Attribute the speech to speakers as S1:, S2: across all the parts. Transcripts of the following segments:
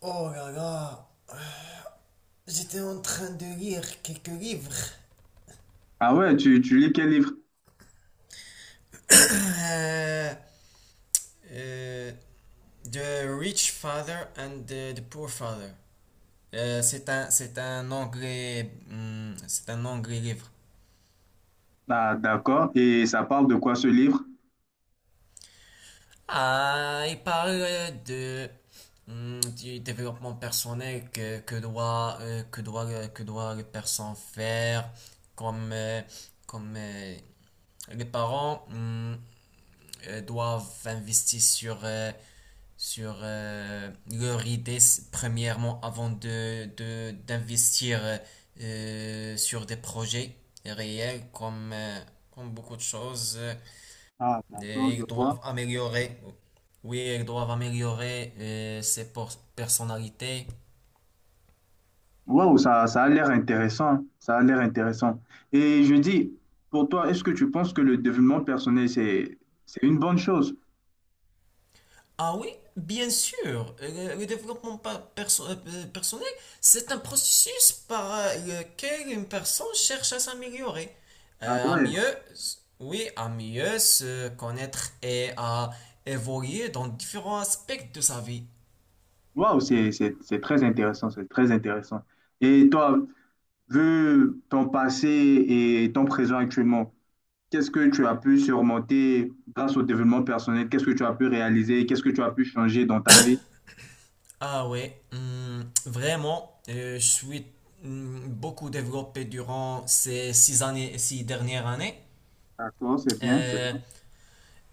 S1: Oh là là, j'étais en train de lire quelques livres.
S2: Ah ouais, tu lis quel livre?
S1: Euh, euh, The Rich Father and the Poor Father. C'est un, c'est un anglais livre.
S2: Ah, d'accord. Et ça parle de quoi ce livre?
S1: Ah, il parle de du développement personnel que doit que doit que doit les personnes faire, comme comme euh, les parents doivent investir sur, sur leur idée premièrement avant de, d'investir sur des projets réels comme, comme beaucoup de choses.
S2: Ah, d'accord,
S1: Et
S2: je
S1: ils
S2: vois.
S1: doivent améliorer, oui, ils doivent améliorer ses personnalités.
S2: Waouh, ça a l'air intéressant. Ça a l'air intéressant. Et je dis, pour toi, est-ce que tu penses que le développement personnel, c'est une bonne chose?
S1: Ah oui, bien sûr. Le développement personnel, c'est un processus par lequel une personne cherche à s'améliorer,
S2: Ah
S1: à
S2: ouais.
S1: mieux, oui, à mieux se connaître et à évoluer dans différents aspects de sa vie.
S2: Waouh, c'est très intéressant. C'est très intéressant. Et toi, vu ton passé et ton présent actuellement, qu'est-ce que tu as pu surmonter grâce au développement personnel? Qu'est-ce que tu as pu réaliser? Qu'est-ce que tu as pu changer dans ta vie?
S1: Ah ouais, vraiment, je suis beaucoup développé durant ces 6 années, 6 dernières années.
S2: D'accord, c'est bien.
S1: Euh,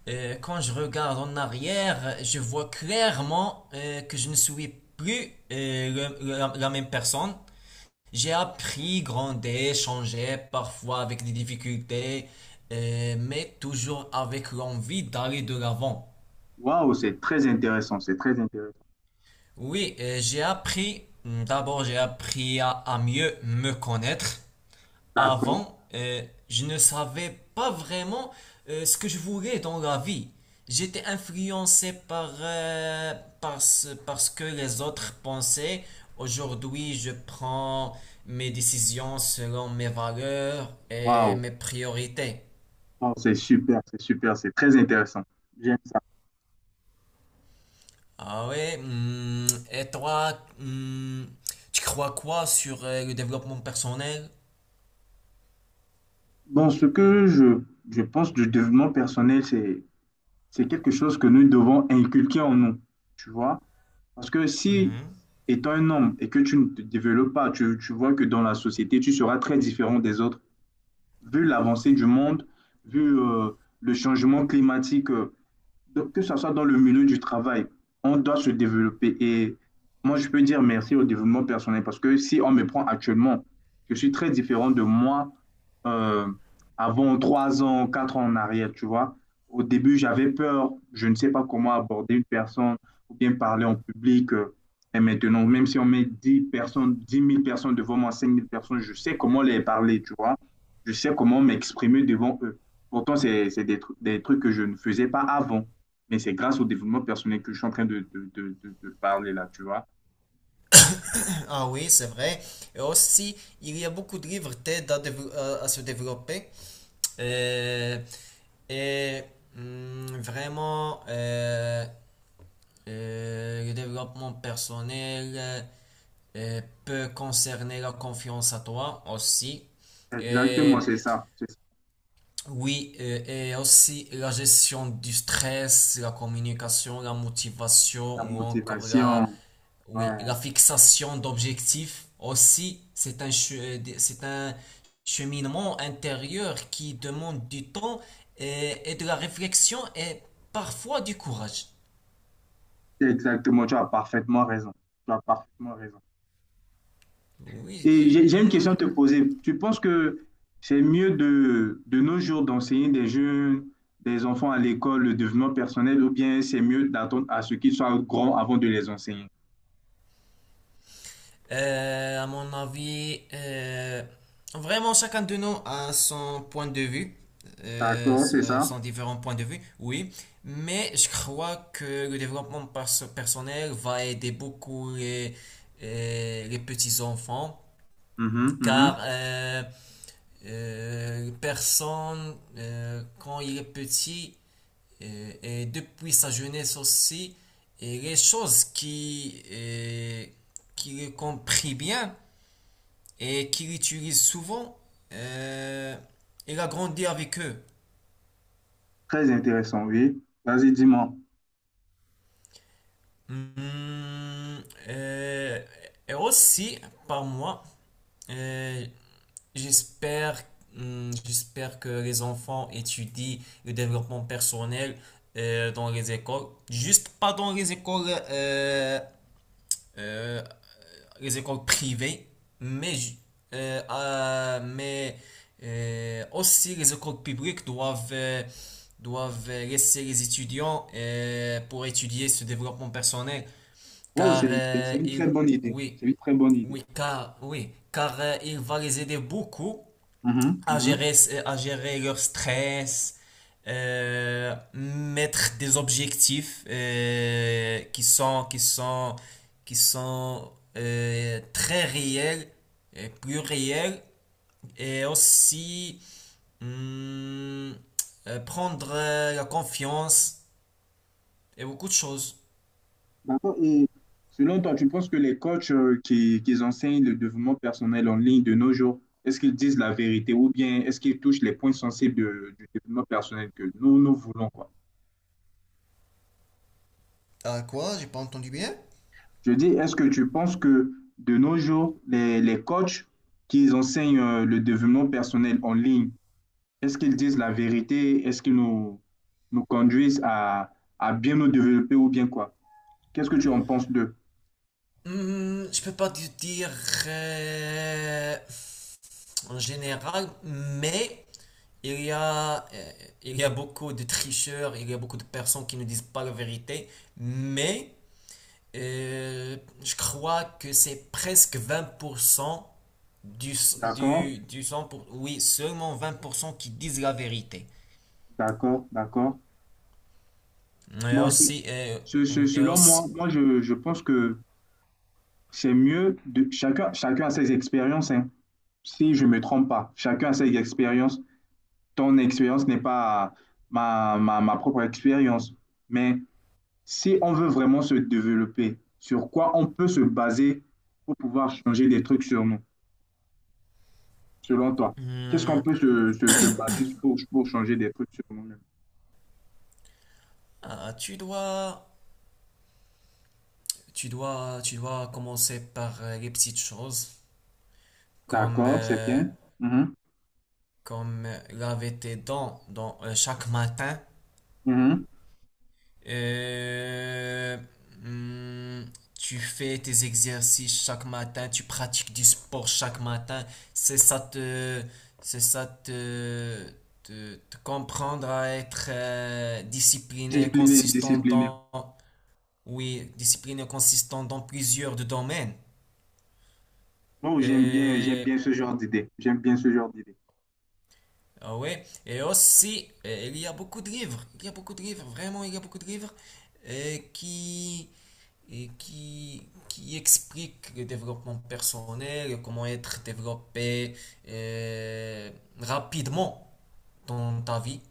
S1: Quand je regarde en arrière, je vois clairement que je ne suis plus la même personne. J'ai appris, grandi, changé, parfois avec des difficultés, mais toujours avec l'envie d'aller de l'avant.
S2: Waouh, c'est très intéressant, c'est très intéressant.
S1: Oui, j'ai appris, d'abord j'ai appris à mieux me connaître.
S2: D'accord.
S1: Avant, je ne savais pas vraiment ce que je voulais dans la vie. J'étais influencé par, par ce que les autres pensaient. Aujourd'hui, je prends mes décisions selon mes valeurs et
S2: Waouh,
S1: mes priorités.
S2: oh, c'est super, c'est super, c'est très intéressant. J'aime ça.
S1: Ah ouais, et toi, tu crois quoi sur le développement personnel?
S2: Bon, ce que je pense du développement personnel, c'est quelque chose que nous devons inculquer en nous, tu vois. Parce que si,
S1: Mhm.
S2: étant un homme et que tu ne te développes pas, tu vois que dans la société, tu seras très différent des autres. Vu l'avancée du monde, vu le changement climatique. Donc, que ce soit dans le milieu du travail, on doit se développer. Et moi, je peux dire merci au développement personnel parce que si on me prend actuellement, je suis très différent de moi euh, avant 3 ans, 4 ans en arrière, tu vois. Au début, j'avais peur, je ne sais pas comment aborder une personne ou bien parler en public. Et maintenant, même si on met 10 personnes, 10 000 personnes devant moi, 5 000 personnes, je sais comment les parler, tu vois. Je sais comment m'exprimer devant eux. Pourtant, c'est des trucs que je ne faisais pas avant. Mais c'est grâce au développement personnel que je suis en train de parler là, tu vois.
S1: Ah oui, c'est vrai. Et aussi, il y a beaucoup de liberté d'aide à, à se développer. Euh, et vraiment, le développement personnel peut concerner la confiance à toi aussi.
S2: Exactement, c'est ça. C'est ça,
S1: Oui, et aussi la gestion du stress, la communication, la motivation
S2: la
S1: ou encore la,
S2: motivation. Ouais.
S1: oui, la fixation d'objectifs aussi, c'est un cheminement intérieur qui demande du temps et de la réflexion et parfois du courage.
S2: Exactement, tu as parfaitement raison. Tu as parfaitement raison.
S1: Oui.
S2: Et j'ai une
S1: Hmm,
S2: question à te poser. Tu penses que c'est mieux de nos jours d'enseigner des jeunes, des enfants à l'école, le développement personnel, ou bien c'est mieux d'attendre à ce qu'ils soient grands avant de les enseigner?
S1: À mon avis, vraiment chacun de nous a son point de vue,
S2: D'accord, c'est ça.
S1: son différents points de vue, oui, mais je crois que le développement personnel va aider beaucoup les petits enfants,
S2: Mhm,
S1: car
S2: mhm.
S1: euh, euh, personne, quand il est petit, et depuis sa jeunesse aussi, et les choses qui qui le comprit bien, et qu'il utilise souvent. euh, il a grandi avec eux.
S2: Très intéressant, oui. Vas-y, dis-moi.
S1: Hmm, euh, et aussi, par moi, euh, j'espère, j'espère que les enfants étudient le développement personnel dans les écoles. Juste pas dans euh, les écoles privées, mais, mais aussi les écoles publiques doivent, doivent laisser les étudiants pour étudier ce développement personnel,
S2: Wow,
S1: car
S2: c'est
S1: euh,
S2: une très
S1: il-
S2: bonne idée.
S1: oui,
S2: C'est une très bonne idée.
S1: oui, car il va les aider beaucoup
S2: Mhm,
S1: à
S2: mhm.
S1: gérer, à gérer leur stress, mettre des objectifs qui sont très réels, et plus réels, et aussi hum, prendre la confiance et beaucoup de choses.
S2: D'accord. Et selon toi, tu penses que les coachs qui enseignent le développement personnel en ligne de nos jours, est-ce qu'ils disent la vérité ou bien est-ce qu'ils touchent les points sensibles du développement personnel que nous, nous voulons, quoi?
S1: Ah quoi? J'ai pas entendu bien?
S2: Je dis, est-ce que tu penses que de nos jours, les coachs qui enseignent le développement personnel en ligne, est-ce qu'ils disent la vérité? Est-ce qu'ils nous conduisent à bien nous développer ou bien quoi? Qu'est-ce que tu en penses d'eux?
S1: Je peux pas te dire euh, en général, mais il y a, euh, il y a beaucoup de tricheurs, il y a beaucoup de personnes qui ne disent pas la vérité, mais euh, je crois que c'est presque 20%
S2: D'accord,
S1: du 100 oui, seulement 20% qui disent la vérité.
S2: d'accord, d'accord.
S1: Et
S2: Bon,
S1: aussi, et
S2: selon moi,
S1: aussi,
S2: moi je pense que c'est mieux de chacun, chacun a ses expériences, hein. Si je me trompe pas. Chacun a ses expériences. Ton expérience n'est pas ma propre expérience. Mais si on veut vraiment se développer, sur quoi on peut se baser pour pouvoir changer des trucs sur nous, selon toi? Qu'est-ce qu'on
S1: hmm,
S2: peut se baser pour changer des trucs sur nous-mêmes?
S1: ah, tu dois... Tu dois, tu dois commencer par les petites choses, comme,
S2: D'accord, c'est bien. Mhm,
S1: comme laver tes dents dans, chaque matin.
S2: mhm.
S1: Euh, hum, Tu fais tes exercices chaque matin, tu pratiques du sport chaque matin. C'est ça te, c'est ça te, te, te comprendre à être discipliné,
S2: Discipliné,
S1: consistant
S2: discipliné.
S1: dans, oui, discipliné, consistant dans plusieurs de domaines.
S2: Bon, j'aime
S1: Euh,
S2: bien ce genre d'idée. J'aime bien ce genre d'idée.
S1: Ah ouais, et aussi, il y a beaucoup de livres, il y a beaucoup de livres, vraiment, il y a beaucoup de livres euh, qui, et qui, qui expliquent le développement personnel, comment être développé euh, rapidement dans ta vie.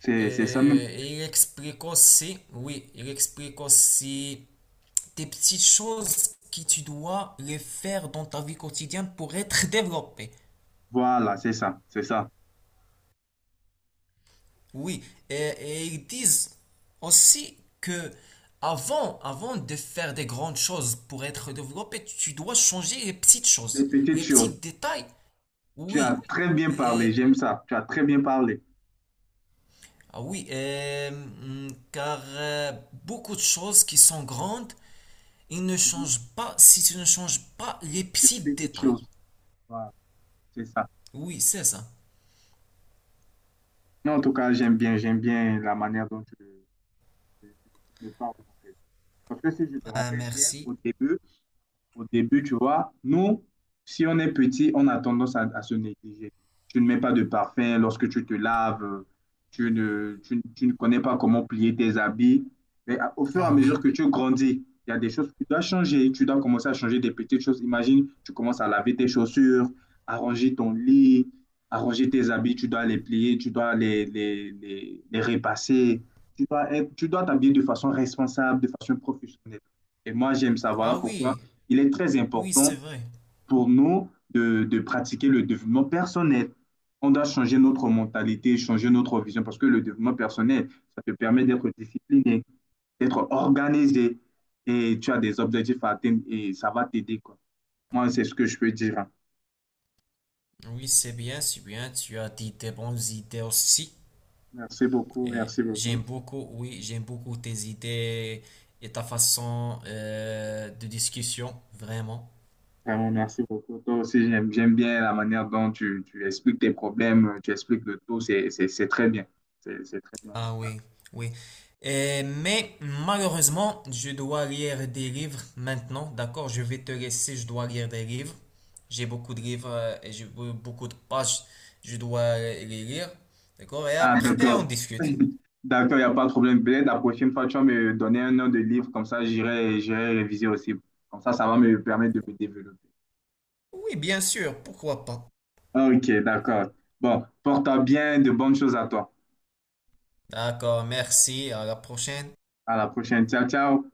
S2: C'est ça même.
S1: Et il explique aussi, oui, il explique aussi des petites choses que tu dois les faire dans ta vie quotidienne pour être développé.
S2: Voilà, c'est ça, c'est ça.
S1: Oui, et ils disent aussi que avant, avant de faire des grandes choses pour être développé, tu dois changer les petites
S2: Les
S1: choses,
S2: petites
S1: les petits
S2: choses.
S1: détails.
S2: Tu as
S1: Oui,
S2: très bien parlé,
S1: et-
S2: j'aime ça. Tu as très bien parlé.
S1: ah oui, et, car beaucoup de choses qui sont grandes, ils ne
S2: Mhm.
S1: changent pas si tu ne changes pas les petits
S2: Les petites choses.
S1: détails.
S2: Voilà, c'est ça.
S1: Oui, c'est ça.
S2: Non, en tout cas, j'aime bien la manière dont tu- tu me parles, en fait. Parce que si je me
S1: Ah,
S2: rappelle bien,
S1: merci.
S2: au début, au début, tu vois, nous, si on est petit, on a tendance à se négliger. Tu ne mets pas de parfum lorsque tu te laves, tu ne connais pas comment plier tes habits. Mais au fur et à
S1: Ah
S2: mesure
S1: oui.
S2: que tu grandis, il y a des choses que tu dois changer. Tu dois commencer à changer des petites choses. Imagine, tu commences à laver tes chaussures, arranger ton lit, arranger tes habits. Tu dois les plier, tu dois les repasser. Tu dois t'habiller de façon responsable, de façon professionnelle. Et moi, j'aime ça. Voilà
S1: Ah
S2: pourquoi
S1: oui,
S2: il est très
S1: oui,
S2: important
S1: c'est vrai.
S2: pour nous de pratiquer le développement personnel. On doit changer notre mentalité, changer notre vision, parce que le développement personnel, ça te permet d'être discipliné, d'être organisé, et tu as des objectifs à atteindre, et ça va t'aider, quoi. Moi, c'est ce que je peux dire, hein.
S1: Oui, c'est bien, tu as dit des bonnes idées aussi.
S2: Merci beaucoup,
S1: Et
S2: merci
S1: j'aime
S2: beaucoup.
S1: beaucoup, oui, j'aime beaucoup tes idées et ta façon de discussion, vraiment.
S2: Vraiment, merci beaucoup. Toi aussi, j'aime bien la manière dont tu expliques tes problèmes, tu expliques le tout, c'est très bien. C'est très bien.
S1: Ah oui, oui. Mais malheureusement, je dois lire des livres maintenant, d'accord? Je vais te laisser, je dois lire des livres. J'ai beaucoup de livres et j'ai beaucoup de pages, je dois les lire, d'accord? Et
S2: Ah,
S1: après,
S2: d'accord.
S1: on discute.
S2: D'accord, il n'y a pas de problème. Peut-être la prochaine fois, tu vas me donner un nom de livre, comme ça, j'irai réviser aussi. Comme ça va me permettre de me développer.
S1: Oui, bien sûr, pourquoi pas.
S2: Ok, d'accord. Bon, porte-toi bien, de bonnes choses à toi.
S1: D'accord, merci, à la prochaine.
S2: À la prochaine. Ciao, ciao.